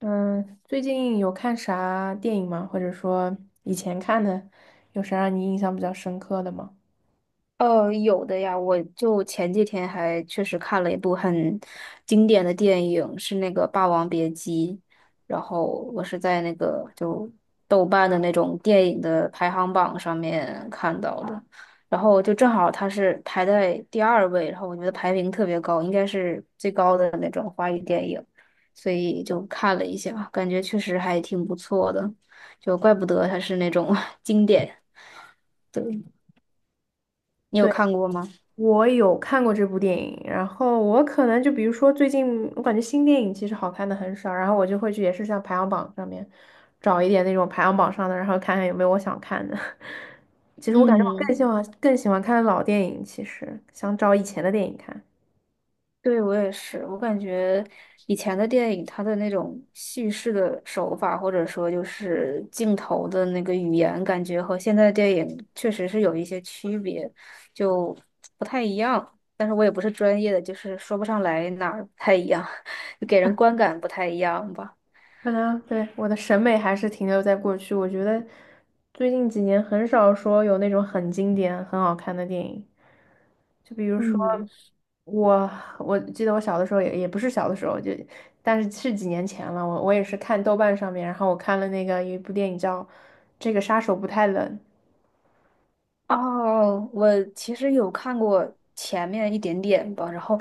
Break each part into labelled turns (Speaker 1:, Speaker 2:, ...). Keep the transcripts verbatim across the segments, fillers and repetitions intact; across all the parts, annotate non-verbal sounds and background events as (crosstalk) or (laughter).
Speaker 1: 嗯，最近有看啥电影吗？或者说以前看的，有啥让你印象比较深刻的吗？
Speaker 2: 呃，有的呀。我就前几天还确实看了一部很经典的电影，是那个《霸王别姬》。然后我是在那个就豆瓣的那种电影的排行榜上面看到的，然后就正好它是排在第二位。然后我觉得排名特别高，应该是最高的那种华语电影，所以就看了一下，感觉确实还挺不错的，就怪不得它是那种 (laughs) 经典。对，你有
Speaker 1: 对，
Speaker 2: 看过吗？
Speaker 1: 我有看过这部电影。然后我可能就比如说最近，我感觉新电影其实好看的很少，然后我就会去也是像排行榜上面找一点那种排行榜上的，然后看看有没有我想看的。(laughs) 其实我感觉我
Speaker 2: 嗯。
Speaker 1: 更喜欢更喜欢看老电影，其实想找以前的电影看。
Speaker 2: 对，我也是，我感觉以前的电影，它的那种叙事的手法，或者说就是镜头的那个语言，感觉和现在的电影确实是有一些区别，就不太一样。但是我也不是专业的，就是说不上来哪儿不太一样，(laughs) 就给人观感不太一样吧。
Speaker 1: 可能对我的审美还是停留在过去，我觉得最近几年很少说有那种很经典、很好看的电影。就比如说
Speaker 2: 嗯，
Speaker 1: 我，我记得我小的时候也也不是小的时候，就但是是几年前了。我我也是看豆瓣上面，然后我看了那个有一部电影叫《这个杀手不太冷》。
Speaker 2: 哦，我其实有看过前面一点点吧。然后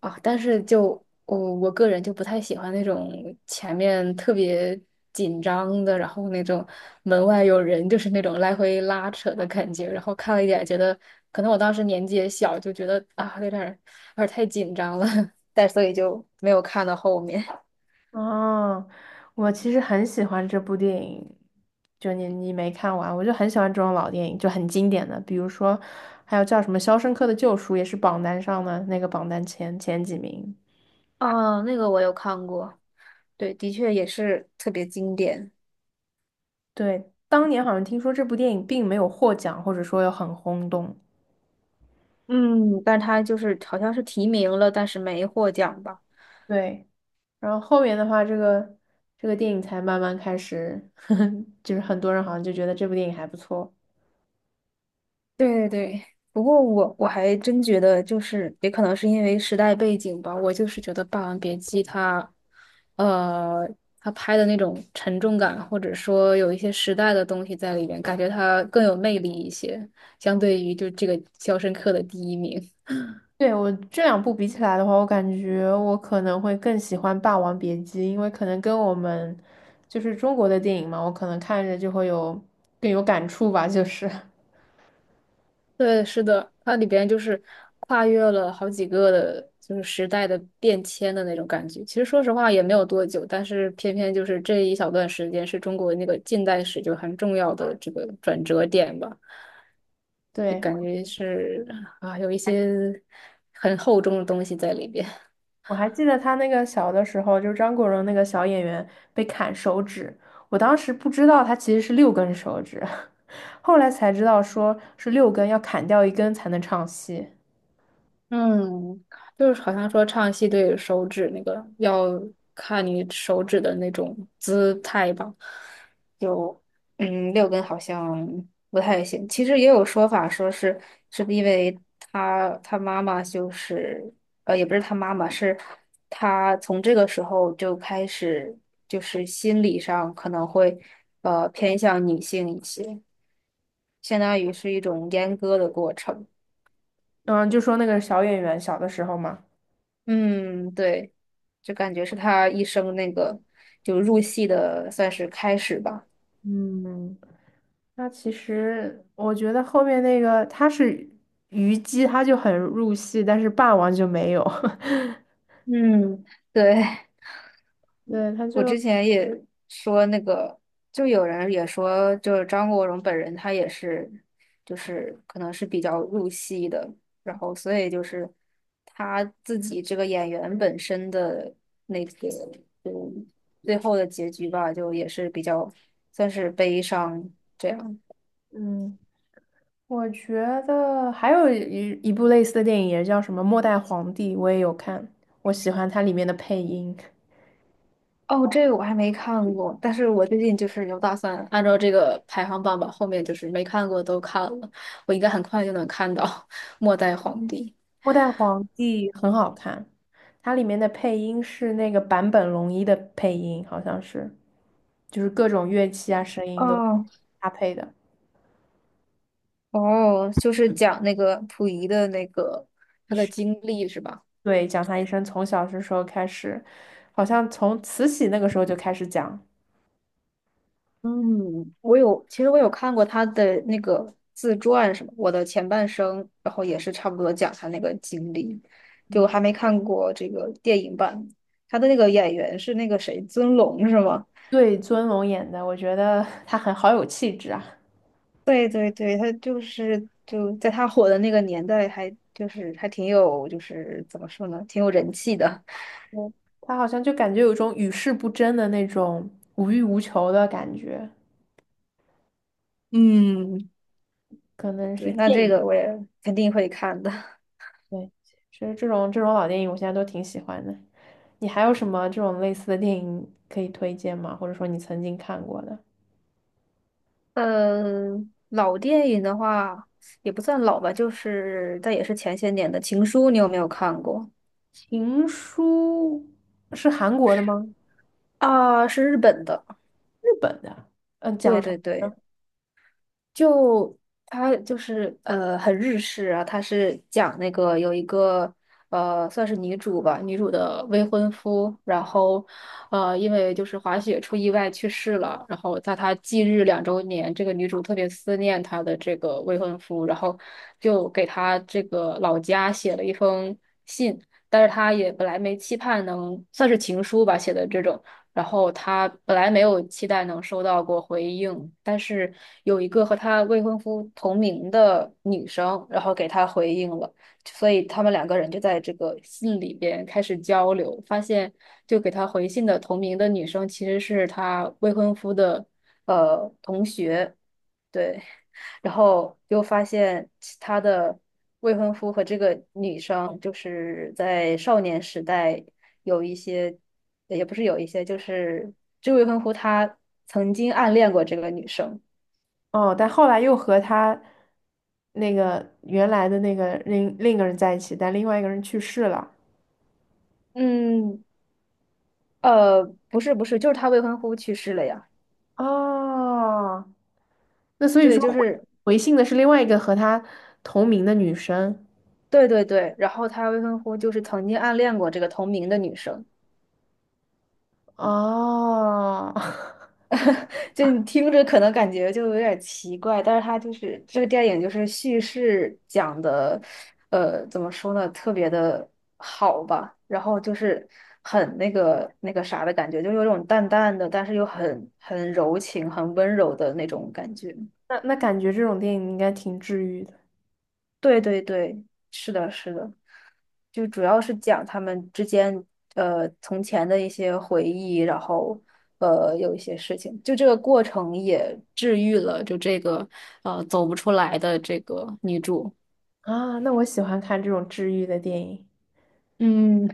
Speaker 2: 啊，但是就我我个人就不太喜欢那种前面特别紧张的，然后那种门外有人，就是那种来回拉扯的感觉。然后看了一点，觉得可能我当时年纪也小，就觉得啊，有点儿有点儿太紧张了，(laughs) 但所以就没有看到后面。
Speaker 1: 哦，我其实很喜欢这部电影，就你你没看完，我就很喜欢这种老电影，就很经典的，比如说还有叫什么《肖申克的救赎》，也是榜单上的那个榜单前前几名。
Speaker 2: 啊，那个我有看过。对，的确也是特别经典。
Speaker 1: 对，当年好像听说这部电影并没有获奖，或者说有很轰动。
Speaker 2: 嗯，但他就是好像是提名了，但是没获奖吧？
Speaker 1: 对，然后后面的话，这个这个电影才慢慢开始，(laughs) 就是很多人好像就觉得这部电影还不错。
Speaker 2: 对对对，不过我我还真觉得，就是也可能是因为时代背景吧，我就是觉得《霸王别姬》它，呃，它拍的那种沉重感，或者说有一些时代的东西在里面，感觉它更有魅力一些，相对于就这个《肖申克的第一名》。
Speaker 1: 对，我这两部比起来的话，我感觉我可能会更喜欢《霸王别姬》，因为可能跟我们就是中国的电影嘛，我可能看着就会有更有感触吧，就是。
Speaker 2: 对，是的，它里边就是跨越了好几个的，就是时代的变迁的那种感觉。其实说实话也没有多久，但是偏偏就是这一小段时间是中国那个近代史就很重要的这个转折点吧，就
Speaker 1: 对，
Speaker 2: 感觉是啊，有一些很厚重的东西在里边。
Speaker 1: 我还记得他那个小的时候，就是张国荣那个小演员被砍手指，我当时不知道他其实是六根手指，(laughs) 后来才知道说是六根要砍掉一根才能唱戏。
Speaker 2: 嗯，就是好像说唱戏对手指那个要看你手指的那种姿态吧，就嗯六根好像不太行。其实也有说法说是是因为他他妈妈就是呃也不是他妈妈是他从这个时候就开始就是心理上可能会呃偏向女性一些，相当于是一种阉割的过程。
Speaker 1: 嗯，就说那个小演员小的时候嘛。
Speaker 2: 嗯，对。就感觉是他一生那个就入戏的算是开始吧。
Speaker 1: 嗯。它其实我觉得后面那个他是虞姬，他就很入戏，但是霸王就没有。(laughs)
Speaker 2: 嗯，对，
Speaker 1: 对，他
Speaker 2: 我
Speaker 1: 就
Speaker 2: 之前也说那个，就有人也说，就是张国荣本人他也是，就是可能是比较入戏的，然后所以就是他自己这个演员本身的那个，就最后的结局吧，就也是比较算是悲伤这样。
Speaker 1: 嗯，我觉得还有一一部类似的电影也叫什么《末代皇帝》，我也有看，我喜欢它里面的配音，
Speaker 2: 哦，这个我还没看过。但是我最近就是有打算按照这个排行榜吧，后面就是没看过都看了，我应该很快就能看到《末代皇帝》。
Speaker 1: 《末代皇帝》很好看，它里面的配音是那个坂本龙一的配音，好像是，就是各种乐器啊声
Speaker 2: (laughs)
Speaker 1: 音都
Speaker 2: 哦，
Speaker 1: 搭配的。
Speaker 2: 哦，就是讲那个溥仪的那个他的经历是吧？
Speaker 1: 对，讲他一生从小是时候开始，好像从慈禧那个时候就开始讲。
Speaker 2: 嗯，我有，其实我有看过他的那个自传什么《我的前半生》，然后也是差不多讲他那个经历，就还没看过这个电影版。他的那个演员是那个谁，尊龙是吗？
Speaker 1: 对，尊龙演的，我觉得 (laughs) 他很好有气质啊。
Speaker 2: 对对对，他就是就在他火的那个年代还就是还挺有就是怎么说呢，挺有人气的。(laughs)
Speaker 1: 嗯，他好像就感觉有一种与世不争的那种无欲无求的感觉，
Speaker 2: 嗯，
Speaker 1: 可能是
Speaker 2: 对，那
Speaker 1: 电
Speaker 2: 这
Speaker 1: 影。
Speaker 2: 个我也肯定会看的。(laughs)
Speaker 1: 对，其实这种这种老电影我现在都挺喜欢的。你还有什么这种类似的电影可以推荐吗？或者说你曾经看过的
Speaker 2: 嗯，老电影的话也不算老吧，就是但也是前些年的《情书》，你有没有看过？
Speaker 1: 《情书》是韩国的吗？
Speaker 2: 啊，是日本的。
Speaker 1: 日本的？嗯，讲
Speaker 2: 对
Speaker 1: 什么？
Speaker 2: 对对。就它就是呃很日式啊。它是讲那个有一个呃算是女主吧，女主的未婚夫，然后呃因为就是滑雪出意外去世了，然后在她忌日两周年，这个女主特别思念她的这个未婚夫，然后就给她这个老家写了一封信。但是她也本来没期盼能算是情书吧写的这种，然后他本来没有期待能收到过回应，但是有一个和他未婚夫同名的女生，然后给他回应了，所以他们两个人就在这个信里边开始交流，发现就给他回信的同名的女生其实是他未婚夫的呃同学。对。然后又发现其他的未婚夫和这个女生就是在少年时代有一些，也不是有一些，就是这未婚夫他曾经暗恋过这个女生。
Speaker 1: 哦，但后来又和他那个原来的那个另另一个人在一起，但另外一个人去世了。
Speaker 2: 嗯，呃，不是不是，就是他未婚夫去世了呀。
Speaker 1: 哦，那所以
Speaker 2: 对，
Speaker 1: 说
Speaker 2: 就
Speaker 1: 回
Speaker 2: 是
Speaker 1: 回信的是另外一个和他同名的女生。
Speaker 2: 对对对，然后他未婚夫就是曾经暗恋过这个同名的女生。
Speaker 1: 哦，(laughs)
Speaker 2: 就你听着可能感觉就有点奇怪，但是它就是这个电影就是叙事讲的，呃，怎么说呢，特别的好吧。然后就是很那个那个啥的感觉，就有种淡淡的，但是又很很柔情、很温柔的那种感觉。
Speaker 1: 那那感觉这种电影应该挺治愈的
Speaker 2: 对对对，是的，是的。就主要是讲他们之间呃从前的一些回忆，然后呃有一些事情，就这个过程也治愈了就这个呃走不出来的这个女主。
Speaker 1: 啊。那我喜欢看这种治愈的电影。
Speaker 2: 嗯，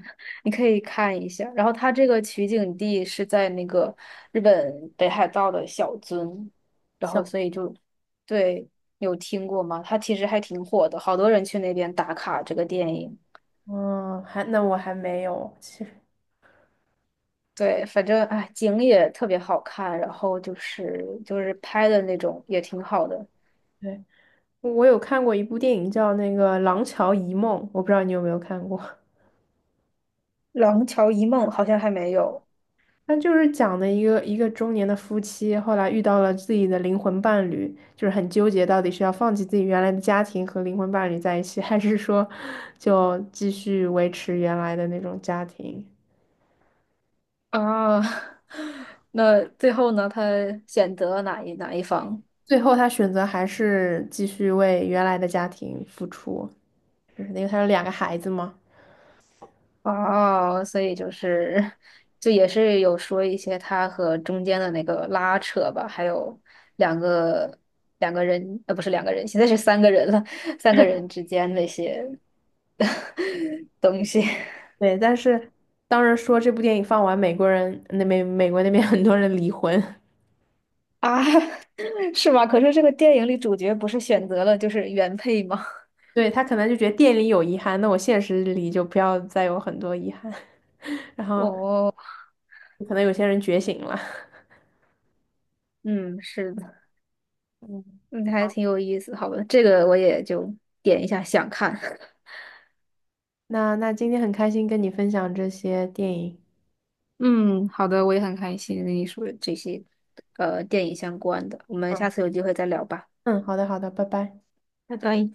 Speaker 2: 你可以看一下。然后它这个取景地是在那个日本北海道的小樽，然后
Speaker 1: 小。
Speaker 2: 所以就对，有听过吗？它其实还挺火的，好多人去那边打卡这个电影。
Speaker 1: 嗯，还那我还没有，其实
Speaker 2: 对，反正哎，景也特别好看，然后就是就是拍的那种也挺好的。
Speaker 1: 对，我有看过一部电影叫那个《廊桥遗梦》，我不知道你有没有看过。
Speaker 2: 《廊桥遗梦》好像还没有
Speaker 1: 他就是讲的一个一个中年的夫妻，后来遇到了自己的灵魂伴侣，就是很纠结，到底是要放弃自己原来的家庭和灵魂伴侣在一起，(laughs) 还是说就继续维持原来的那种家庭。
Speaker 2: 啊。(laughs) 那最后呢，他选择哪一哪一方？
Speaker 1: 最后他选择还是继续为原来的家庭付出，就是因为他有两个孩子嘛。
Speaker 2: 啊？所以就是就也是有说一些他和中间的那个拉扯吧，还有两个两个人，呃，不是两个人，现在是三个人了，三个人之间那些 (laughs) 东西。
Speaker 1: 对，但是当时说这部电影放完，美国人那美美国那边 (laughs) 很多人离婚。
Speaker 2: 啊，(laughs) 是吗？可是这个电影里主角不是选择了就是原配吗？
Speaker 1: 对，他可能就觉得电影里有遗憾，那我现实里就不要再有很多遗憾。(laughs) 然
Speaker 2: (laughs)
Speaker 1: 后
Speaker 2: 哦，
Speaker 1: 可能有些人觉醒了。(laughs)
Speaker 2: 嗯，是的，
Speaker 1: 嗯，
Speaker 2: 嗯，还挺有意思。好吧，这个我也就点一下想看。(laughs)
Speaker 1: 那那今天很开心跟你分享这些电影。
Speaker 2: 嗯，好的，我也很开心跟你说这些呃电影相关的，我们
Speaker 1: 嗯。
Speaker 2: 下次有机会再聊吧。
Speaker 1: 嗯，好的好的，拜拜。
Speaker 2: 拜拜。